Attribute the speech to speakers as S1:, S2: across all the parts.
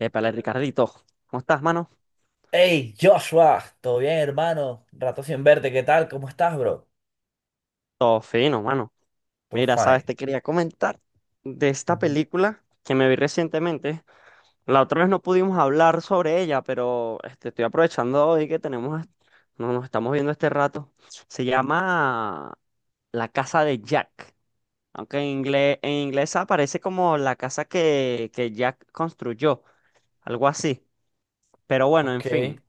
S1: Épale, Ricardito, ¿cómo estás, mano?
S2: Hey, Joshua, ¿todo bien, hermano? Rato sin verte, ¿qué tal? ¿Cómo estás, bro?
S1: Todo fino, mano.
S2: Todo
S1: Mira, sabes,
S2: fine.
S1: te quería comentar de esta
S2: Ujú.
S1: película que me vi recientemente. La otra vez no pudimos hablar sobre ella, pero este, estoy aprovechando hoy que tenemos, no nos estamos viendo este rato. Se llama La Casa de Jack, aunque en inglés aparece como la casa que Jack construyó, algo así. Pero bueno, en
S2: Ok.
S1: fin,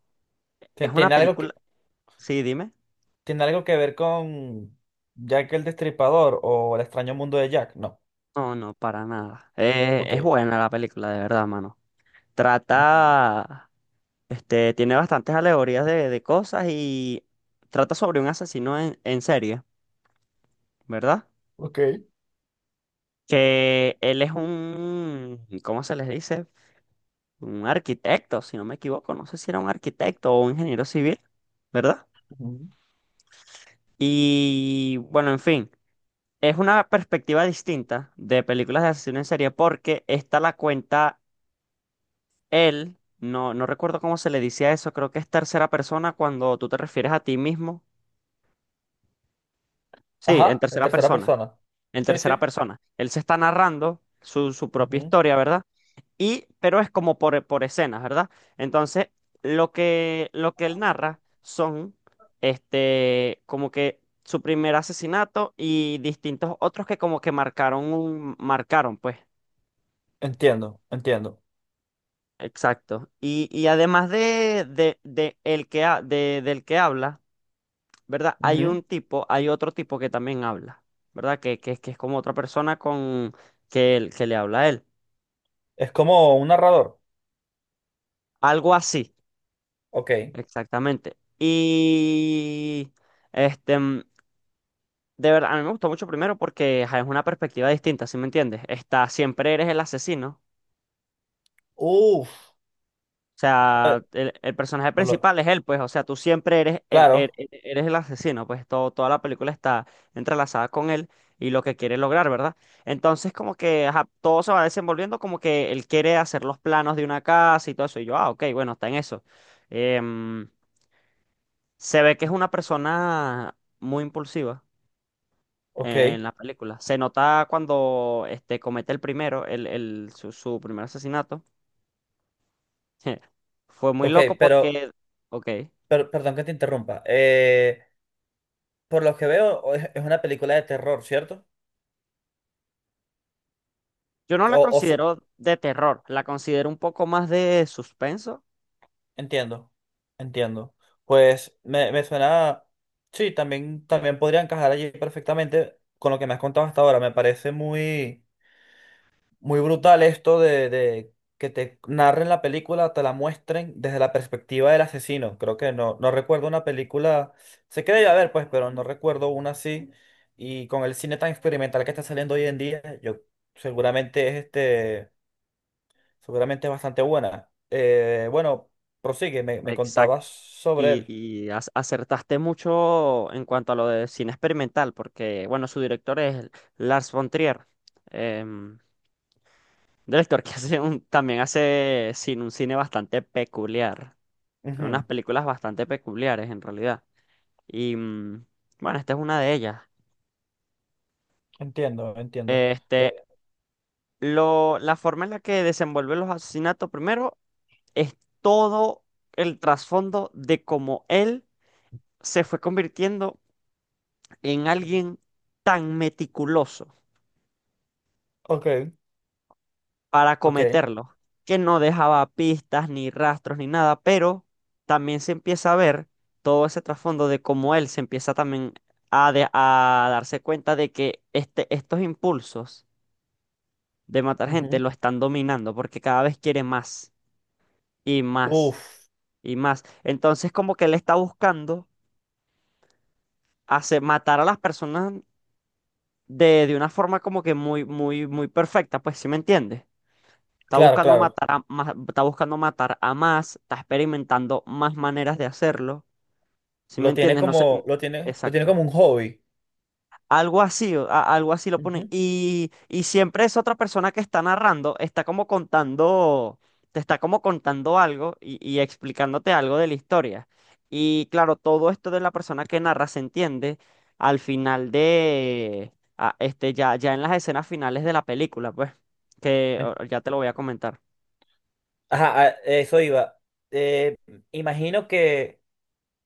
S2: Tie-
S1: es una
S2: ¿Tiene algo que,
S1: película. Sí, dime.
S2: tiene algo que ver con Jack el Destripador o el extraño mundo de Jack? No.
S1: No, no, para nada. Es
S2: Ok.
S1: buena la película, de verdad, mano.
S2: Ujú.
S1: Trata, este, tiene bastantes alegorías de cosas y trata sobre un asesino en serie, ¿verdad?
S2: Ok.
S1: Que él es un, ¿cómo se les dice? Un arquitecto, si no me equivoco. No sé si era un arquitecto o un ingeniero civil, ¿verdad?
S2: Ujú.
S1: Y bueno, en fin, es una perspectiva distinta de películas de asesino en serie porque esta la cuenta él. No, no recuerdo cómo se le dice a eso, creo que es tercera persona cuando tú te refieres a ti mismo. Sí, en
S2: Ajá, en
S1: tercera
S2: tercera
S1: persona,
S2: persona.
S1: en
S2: Sí,
S1: tercera
S2: sí.
S1: persona. Él se está narrando su propia
S2: Ujú.
S1: historia, ¿verdad? Y, pero es como por escenas, ¿verdad? Entonces, lo que él narra son, este, como que su primer asesinato y distintos otros que como que marcaron un, marcaron, pues.
S2: Entiendo, entiendo.
S1: Exacto. Y además de el que, de, del que habla, ¿verdad? Hay
S2: Ujú.
S1: un tipo, hay otro tipo que también habla, ¿verdad? Que es como otra persona con que, que le habla a él.
S2: Es como un narrador.
S1: Algo así,
S2: Ok.
S1: exactamente. Y este, de verdad, a mí me gustó mucho primero porque ajá, es una perspectiva distinta, ¿sí me entiendes? Está, siempre eres el asesino.
S2: Uf.
S1: O
S2: Eh,
S1: sea, el personaje
S2: no
S1: principal es él, pues, o sea, tú siempre eres el,
S2: claro.
S1: eres el asesino, pues todo, toda la película está entrelazada con él y lo que quiere lograr, ¿verdad? Entonces, como que ajá, todo se va desenvolviendo, como que él quiere hacer los planos de una casa y todo eso, y yo, ah, ok, bueno, está en eso. Em, Se ve que es una persona muy impulsiva en
S2: Ok.
S1: la película. Se nota cuando este, comete el primero, el, su, su primer asesinato. Fue muy
S2: Ok,
S1: loco
S2: pero
S1: porque, ok.
S2: Perdón que te interrumpa. Por lo que veo, es una película de terror, ¿cierto?
S1: Yo no la
S2: O, o su-
S1: considero de terror, la considero un poco más de suspenso.
S2: Entiendo, entiendo. Pues me suena. Sí, también, también podría encajar allí perfectamente con lo que me has contado hasta ahora. Me parece muy muy brutal esto de que te narren la película, te la muestren desde la perspectiva del asesino. Creo que no, no recuerdo una película, sé que debe haber pues, pero no recuerdo una así. Y con el cine tan experimental que está saliendo hoy en día, yo seguramente seguramente es bastante buena. Bueno, prosigue, me contabas
S1: Exacto.
S2: sobre él.
S1: Y acertaste mucho en cuanto a lo de cine experimental, porque, bueno, su director es Lars von Trier, em, director que hace también hace cine, un cine bastante peculiar, con unas
S2: Ujú.
S1: películas bastante peculiares en realidad. Y, bueno, esta es una de ellas.
S2: Entiendo, entiendo. Eh,
S1: Este, lo, la forma en la que desenvuelve los asesinatos, primero, es todo el trasfondo de cómo él se fue convirtiendo en alguien tan meticuloso
S2: ok,
S1: para
S2: ok.
S1: cometerlo, que no dejaba pistas ni rastros ni nada, pero también se empieza a ver todo ese trasfondo de cómo él se empieza también a, a darse cuenta de que este, estos impulsos de matar gente
S2: Ujú.
S1: lo están dominando porque cada vez quiere más y más
S2: Uf,
S1: y más. Entonces como que él está buscando hacer matar a las personas de una forma como que muy, muy, muy perfecta, pues, ¿sí me entiendes? Está
S2: claro,
S1: buscando
S2: claro.
S1: matar a más, está buscando matar a más, está experimentando más maneras de hacerlo, ¿sí me entiendes? No sé,
S2: Lo tiene
S1: exacto.
S2: como un hobby.
S1: Algo así, algo así lo ponen.
S2: Ujú.
S1: Y siempre es otra persona que está narrando, está como contando, te está como contando algo y explicándote algo de la historia. Y claro, todo esto de la persona que narra se entiende al final de, este, ya, ya en las escenas finales de la película, pues, que
S2: En-
S1: ya te lo voy a comentar.
S2: Ajá, a eso iba. Eh, Imagino que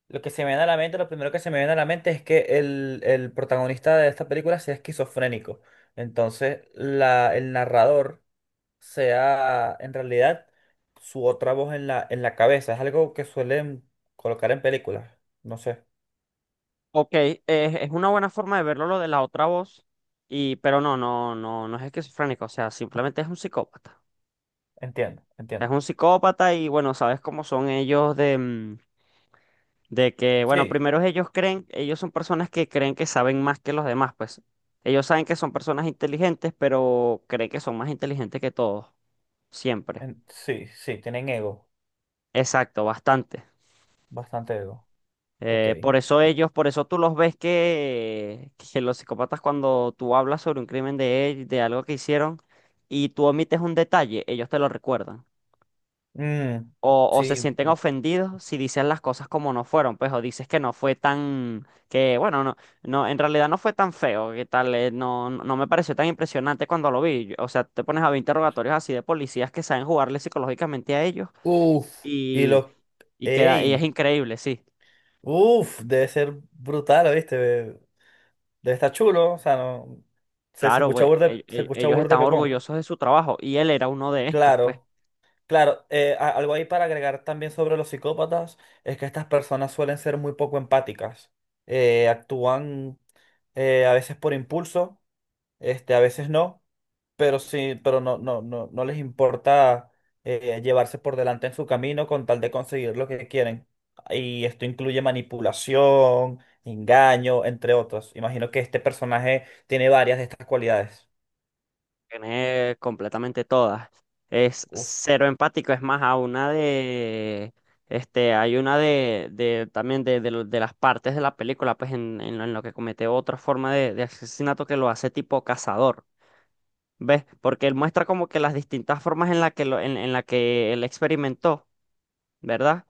S2: lo que se me viene a la mente, lo primero que se me viene a la mente es que el protagonista de esta película sea esquizofrénico. Entonces, el narrador sea en realidad su otra voz en en la cabeza. Es algo que suelen colocar en películas. No sé.
S1: Ok, es una buena forma de verlo lo de la otra voz, y, pero no, no, no, no es esquizofrénico, o sea, simplemente es un psicópata.
S2: Entiendo,
S1: Es
S2: entiendo.
S1: un psicópata y bueno, sabes cómo son ellos de, de que, bueno,
S2: Sí,
S1: primero ellos creen, ellos son personas que creen que saben más que los demás, pues. Ellos saben que son personas inteligentes, pero creen que son más inteligentes que todos, siempre.
S2: sí, sí, tienen ego.
S1: Exacto, bastante.
S2: Bastante ego. Ok.
S1: Por eso ellos, por eso tú los ves que los psicópatas cuando tú hablas sobre un crimen de ellos, de algo que hicieron, y tú omites un detalle, ellos te lo recuerdan.
S2: Mm,
S1: O se
S2: sí.
S1: sienten ofendidos si dices las cosas como no fueron, pues, o dices que no fue tan, que bueno, no, no, en realidad no fue tan feo, que tal, no, no no me pareció tan impresionante cuando lo vi. O sea, te pones a ver interrogatorios así de policías que saben jugarle psicológicamente a ellos
S2: Uf, y
S1: y,
S2: los...
S1: y queda, y es
S2: ¡Ey!
S1: increíble, sí.
S2: Uf, debe ser brutal, ¿viste? Debe estar chulo, o sea, no. Se,
S1: Claro, pues,
S2: se escucha
S1: ellos
S2: burde
S1: están
S2: pepón.
S1: orgullosos de su trabajo y él era uno de estos, pues.
S2: Claro, claro. Algo ahí para agregar también sobre los psicópatas es que estas personas suelen ser muy poco empáticas. Actúan, a veces por impulso, a veces no. Pero sí, pero no, no les importa, llevarse por delante en su camino con tal de conseguir lo que quieren. Y esto incluye manipulación, engaño, entre otros. Imagino que este personaje tiene varias de estas cualidades.
S1: Tiene completamente todas. Es
S2: Uf.
S1: cero empático, es más, a una de, este, hay una de también de, de las partes de la película, pues en lo que comete otra forma de asesinato que lo hace tipo cazador, ¿ves? Porque él muestra como que las distintas formas en la que, lo, en la que él experimentó, ¿verdad?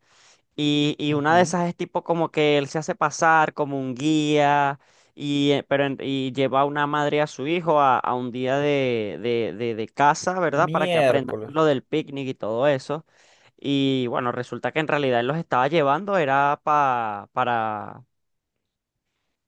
S1: Y una de
S2: Ujú.
S1: esas es tipo como que él se hace pasar como un guía y, pero, y lleva a una madre a su hijo a un día de casa, ¿verdad? Para que aprendan
S2: Miércoles.
S1: lo del picnic y todo eso. Y bueno, resulta que en realidad él los estaba llevando, era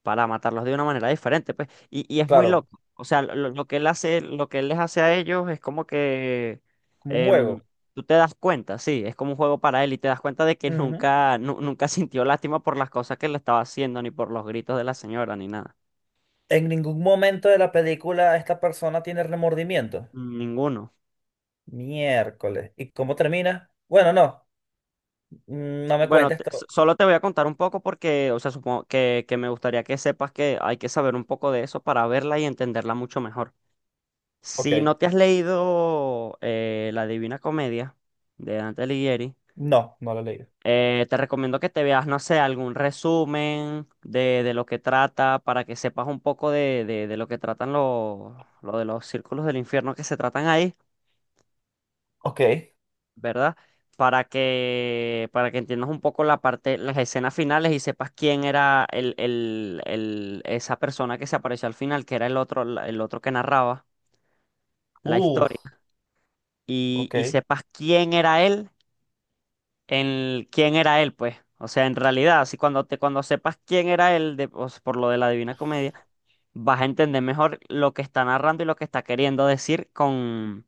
S1: para matarlos de una manera diferente, pues. Y es muy
S2: Claro,
S1: loco. O sea, lo que él hace, lo que él les hace a ellos es como que
S2: como un
S1: em,
S2: juego.
S1: tú te das cuenta, sí, es como un juego para él y te das cuenta de que
S2: Ujú.
S1: nunca, nunca sintió lástima por las cosas que le estaba haciendo, ni por los gritos de la señora, ni nada.
S2: En ningún momento de la película esta persona tiene remordimiento.
S1: Ninguno.
S2: Miércoles. ¿Y cómo termina? Bueno, no. Mm, no me
S1: Bueno,
S2: cuentes esto.
S1: solo te voy a contar un poco porque, o sea, supongo que me gustaría que sepas que hay que saber un poco de eso para verla y entenderla mucho mejor. Si
S2: Ok.
S1: no te has leído La Divina Comedia de Dante Alighieri,
S2: No, no lo he leído.
S1: Te recomiendo que te veas, no sé, algún resumen de lo que trata para que sepas un poco de, de lo que tratan los, lo de los círculos del infierno que se tratan ahí,
S2: Ok.
S1: ¿verdad? Para que entiendas un poco la parte, las escenas finales y sepas quién era el, esa persona que se apareció al final, que era el otro que narraba la
S2: Uf,
S1: historia,
S2: ok.
S1: y sepas quién era él en quién era él, pues. O sea, en realidad, así cuando te, cuando sepas quién era él, o sea, por lo de la Divina Comedia, vas a entender mejor lo que está narrando y lo que está queriendo decir con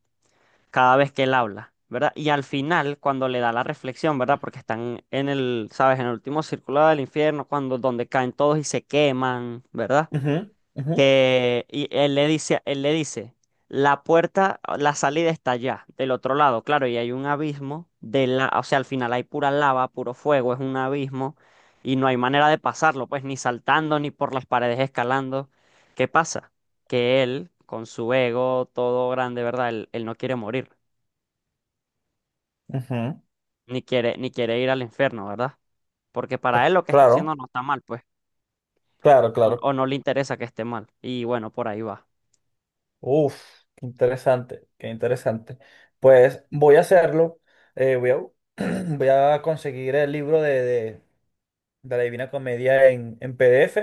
S1: cada vez que él habla, ¿verdad? Y al final, cuando le da la reflexión, ¿verdad? Porque están en el, ¿sabes? En el último círculo del infierno, cuando donde caen todos y se queman, ¿verdad?
S2: Ujú, ujú,
S1: Que Y él le dice, la puerta, la salida está allá, del otro lado, claro, y hay un abismo de la, o sea, al final hay pura lava, puro fuego, es un abismo y no hay manera de pasarlo, pues ni saltando ni por las paredes escalando. ¿Qué pasa? Que él, con su ego todo grande, ¿verdad? Él no quiere morir,
S2: ujú.
S1: ni quiere, ni quiere ir al infierno, ¿verdad? Porque
S2: Ah,
S1: para él lo que está
S2: claro,
S1: haciendo no está mal, pues,
S2: claro, claro.
S1: o no le interesa que esté mal. Y bueno, por ahí va.
S2: Uf, qué interesante, qué interesante. Pues voy a hacerlo. Voy a voy a conseguir el libro de la Divina Comedia en PDF.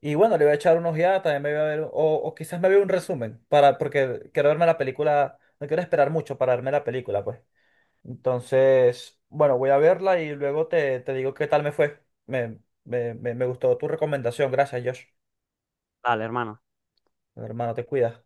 S2: Y bueno, le voy a echar unos ojeada, también me voy a ver, o quizás me veo un resumen, para, porque quiero verme la película, no quiero esperar mucho para verme la película, pues. Entonces, bueno, voy a verla y luego te, te digo qué tal me fue. Me gustó tu recomendación. Gracias, Josh.
S1: Dale, hermano.
S2: Hermano, te cuidas.